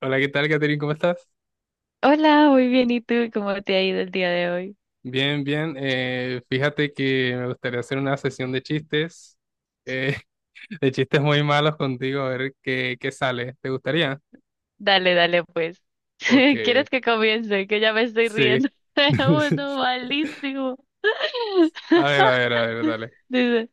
Hola, ¿qué tal, Catherine? ¿Cómo estás? Hola, muy bien. ¿Y tú cómo te ha ido el día de hoy? Bien, bien. Fíjate que me gustaría hacer una sesión de chistes, eh, de chistes muy malos contigo, a ver qué sale. ¿Te gustaría? Dale, dale, pues. Ok, ¿Quieres que comience? Que ya me estoy sí. riendo. Uno malísimo. A ver, a ver, a ver, dale. Dice,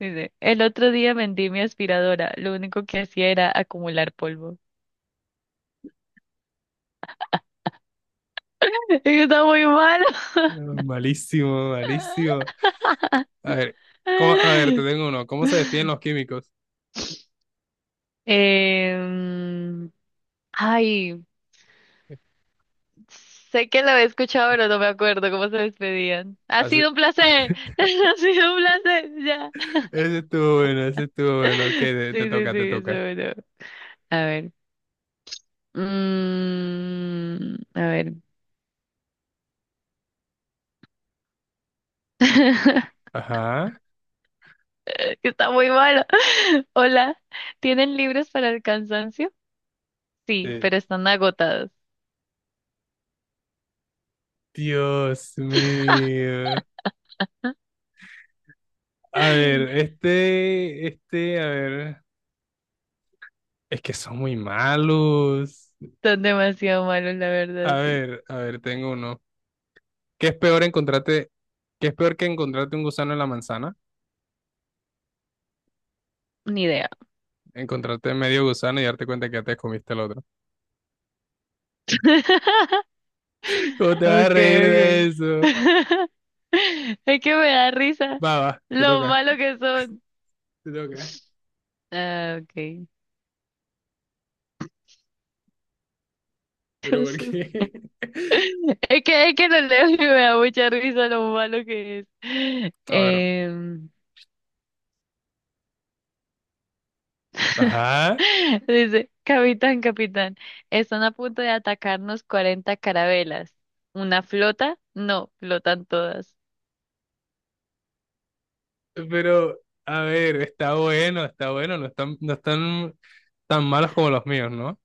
dice, el otro día vendí mi aspiradora. Lo único que hacía era acumular polvo. Está muy malo. Mm, malísimo, malísimo. A ver, a ver, te tengo uno. ¿Cómo se despiden los químicos? Em, ay, sé que lo he escuchado, pero no me acuerdo cómo se despedían. Ha Así- sido un placer. Ha sido un placer. Ya. Ese estuvo bueno, ese estuvo bueno. Ok, te Sí, sí, toca, te sí, eso, toca. bueno. A ver. Mm, a ver. Ajá. Que está muy malo. Hola, ¿tienen libros para el cansancio? Sí, Eh, pero están agotados. Dios mío. A ver, este, a ver, es que son muy malos. Están demasiado malos, la verdad, sí. A ver, tengo uno. ¿Qué es peor encontrarte, ¿qué es peor que encontrarte un gusano en la manzana? Ni idea. Encontrarte medio gusano y darte cuenta que ya te comiste el otro. ¿Cómo te vas a reír de Okay, okay. eso? Es que me da risa Va, va, te lo toca, malo que son. te toca. Ah, okay. Pero ¿por qué? Es que lo leo y me da mucha risa lo malo que es. A ver. Em, Ajá. Dice, capitán, capitán, están a punto de atacarnos 40 carabelas. ¿Una flota? No, flotan todas. Pero, a ver, está bueno, no están tan malos como los míos, ¿no?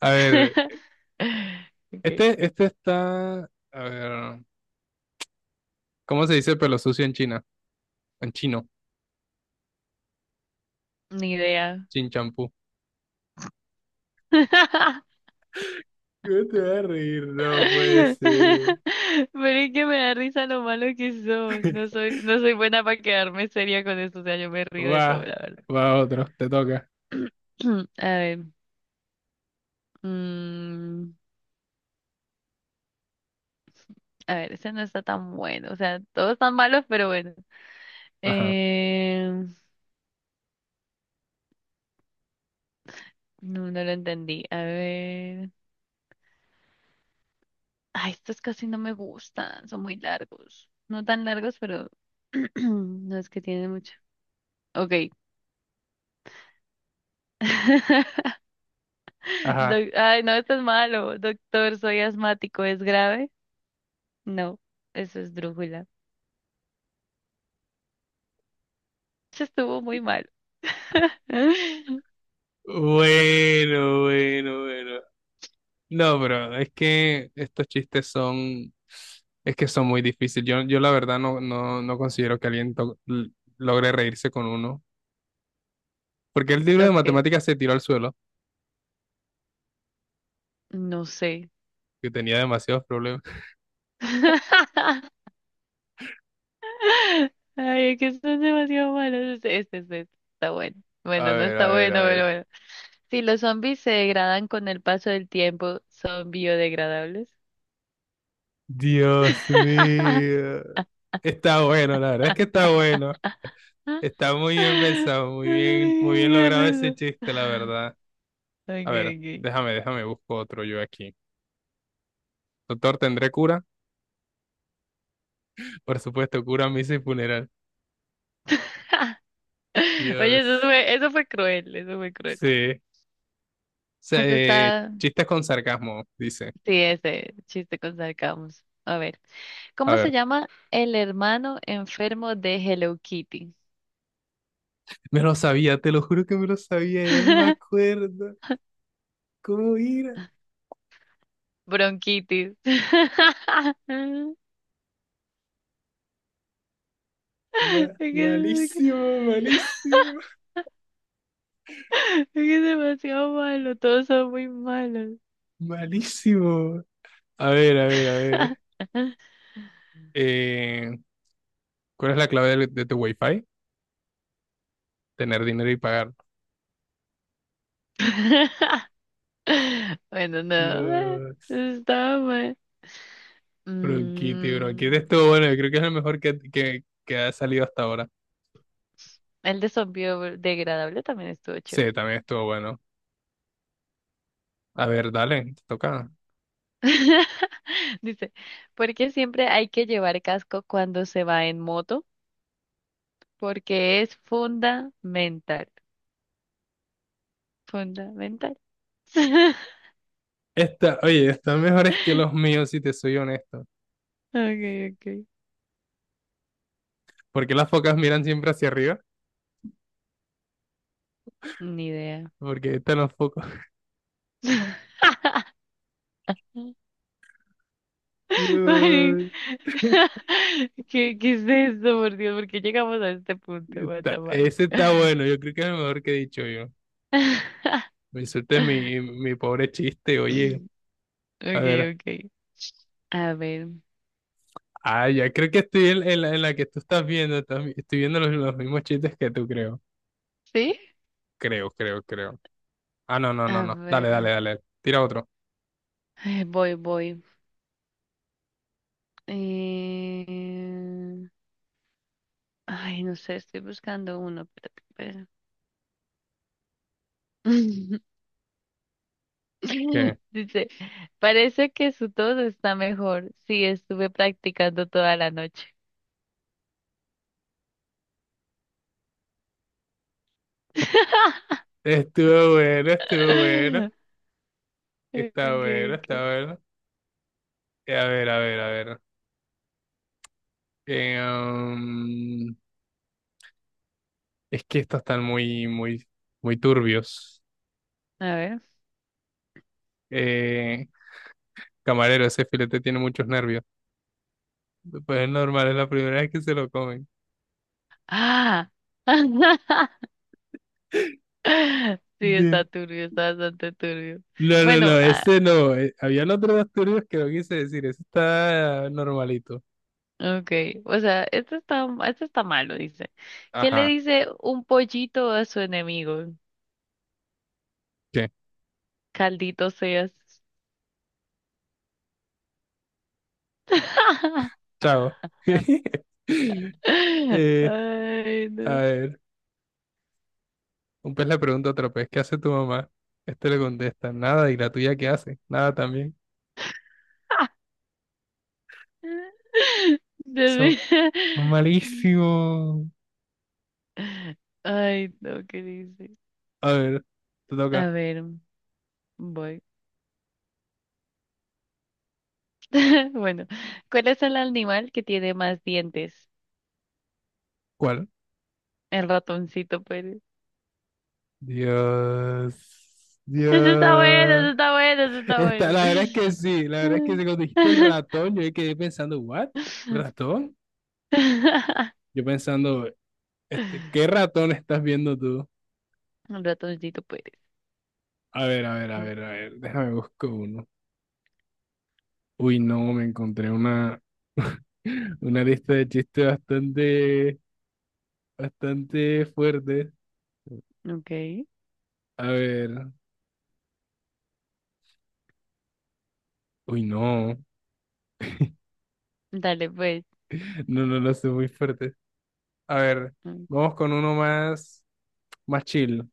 A ver, Ok, este está, a ver, ¿cómo se dice pelo sucio en China? En chino, ni idea. chin champú. ¿Cómo te vas a reír? No puede ser. Pero es que me da risa lo malo que son. No soy, no soy buena para quedarme seria con esto, o sea, yo me río de Va, todo, la verdad. va otro, te toca. A ver. Mm, a ver, ese no está tan bueno. O sea, todos están malos, pero bueno. Ajá, Eh, no, no lo entendí. A ver. Ay, estos casi no me gustan. Son muy largos. No tan largos, pero no es que tienen mucho. Ok. ajá. Ay, no, esto es malo. Doctor, soy asmático. ¿Es grave? No, eso es drújula. Eso estuvo muy mal. Bueno, bueno, bueno. No, bro, es que son muy difíciles. Yo la verdad no considero que alguien logre reírse con uno. Porque el libro de Ok, matemáticas se tiró al suelo, no sé. que tenía demasiados problemas. Ay, es que están demasiado malos. Este está bueno. A Bueno, no ver, a está ver, a bueno, pero ver. bueno. Si los zombies se degradan con el paso del tiempo, ¿son biodegradables? Dios mío. Está bueno, la verdad es que está bueno. Está muy bien Ay, pensado, muy bien qué logrado ese risa. chiste, la verdad. A ver, Okay, okay. Déjame, busco otro yo aquí. Doctor, ¿tendré cura? Por supuesto, cura, misa y funeral. Oye, eso Dios. fue, eso fue cruel, eso fue cruel. Sí. Eso está, Chistes con sarcasmo, dice. sí, ese chiste con sarcasmo. A ver, A ¿cómo se ver, llama el hermano enfermo de Hello Kitty? me lo sabía, te lo juro que me lo sabía, ya no me acuerdo. ¿Cómo era? Bronquitis. Es que, es que- Malísimo, malísimo, es que es demasiado malo, todos son muy malos. malísimo. A ver, a ver, a ver. Eh, ¿Cuál es la clave de tu Wi-Fi? Tener dinero y pagar. Bueno, no, Dios, estaba mal. bronquite, bronquite. Mm, Estuvo bueno, yo creo que es lo mejor que ha salido hasta ahora. el de zombie degradable también estuvo chévere. Sí, también estuvo bueno. A ver, dale, te toca. Dice, ¿por qué siempre hay que llevar casco cuando se va en moto? Porque es fundamental. Fundamental. Esta, oye, están mejores que los míos, si te soy honesto. Okay, okay. ¿Por qué las focas miran siempre hacia arriba? Ni idea. Porque están los focos. Mari, Dios, ¿Qué, qué es esto, por Dios? ¿Por qué llegamos a este punto? What the fuck? ese está bueno, yo creo que es lo mejor que he dicho yo. Me insultes mi pobre chiste, oye. A Okay, ver. okay. A ver, Ah, ya creo que estoy en la que tú estás viendo. Estoy viendo los mismos chistes que tú, creo. ¿sí? Creo, creo, creo. Ah, no, no, no, A no. Dale, dale, ver. dale. Tira otro. Ay, voy, voy. Eh, Ay, no sé, estoy buscando uno. Espérate, espera. ¿Qué? Dice, parece que su tos está mejor. Sí, estuve practicando toda la noche. Estuvo bueno, estuvo bueno. Okay, Está bueno, está okay. bueno. A ver, a ver, a ver. Eh, um, es que estos están muy, muy, muy turbios. A ver. Eh, camarero, ese filete tiene muchos nervios. Pues es normal, es la primera vez que se lo comen. Ah. Sí, está turbio, está bastante turbio. No, no, Bueno, no, ah, ese no. Habían otros dos turbios que no quise decir. Ese está normalito. okay. O sea, esto está malo, dice. ¿Qué le Ajá. dice un pollito a su enemigo? ¿Qué? Caldito seas. Chao. Eh, Ay, a no. ver, un pez le pregunta a otro pez, ¿qué hace tu mamá? Este le contesta, nada. ¿Y la tuya qué hace? Nada también. De Son ver- malísimo. Ay, no, ¿qué dice? A ver, te A toca. ver, voy. Bueno, ¿cuál es el animal que tiene más dientes? ¿Cuál? El ratoncito Pérez. Dios. Eso está bueno, Dios. eso está bueno, eso está Está, bueno. la verdad es que sí, la verdad es que sí, cuando dijiste el ratón, yo ahí quedé pensando, ¿what? ¿Ratón? Yo pensando, este, ¿qué ratón estás viendo tú? Un ratoncito Pérez. A ver, a ver, a ver, a ver, déjame busco uno. Uy, no, me encontré una, una lista de chistes bastante, bastante fuerte. Ok, A ver, uy, no, dale pues. no, no lo sé, muy fuerte. A ver, vamos con uno más, más chill.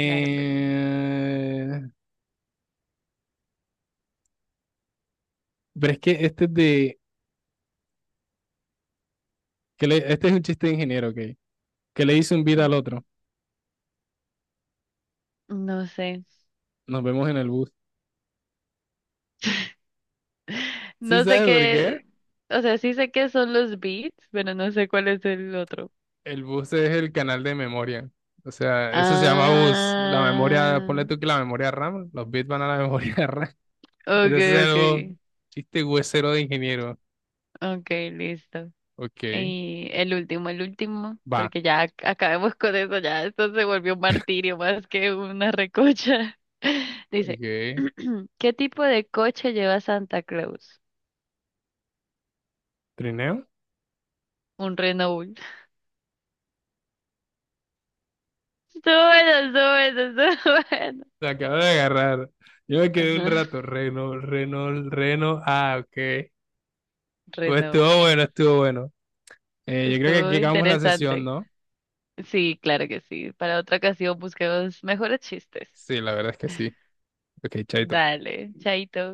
Dale pues. pero es que este es de, este es un chiste de ingeniero, ¿ok? Que le hizo un beat al otro. No sé. Nos vemos en el bus. ¿Sí No sé sabes por qué, qué? o sea, sí sé qué son los beats, pero no sé cuál es el otro. El bus es el canal de memoria. O sea, eso se llama bus. La memoria, Ah, ponle tú que la memoria RAM, los bits van a la memoria RAM. Entonces es okay, el bus. okay, Chiste huesero de ingeniero. okay, listo. Ok, Y el último, va. porque ya acabemos con eso, ya esto se volvió un martirio más que una recocha. Dice, Ok. ¿qué tipo de coche lleva Santa Claus? Trineo. Un Renault. Estuvo bueno, estuvo bueno, estuvo bueno. Se acaba de agarrar. Yo me quedé un Ajá, rato. Reno, Reno, Reno. Ah, ok. Pues Renault. estuvo bueno, estuvo bueno. Yo creo que Estuvo aquí acabamos la sesión, interesante. ¿no? Sí, claro que sí. Para otra ocasión busquemos mejores chistes. Sí, la verdad es que sí. Ok, chaito. Dale, chaito.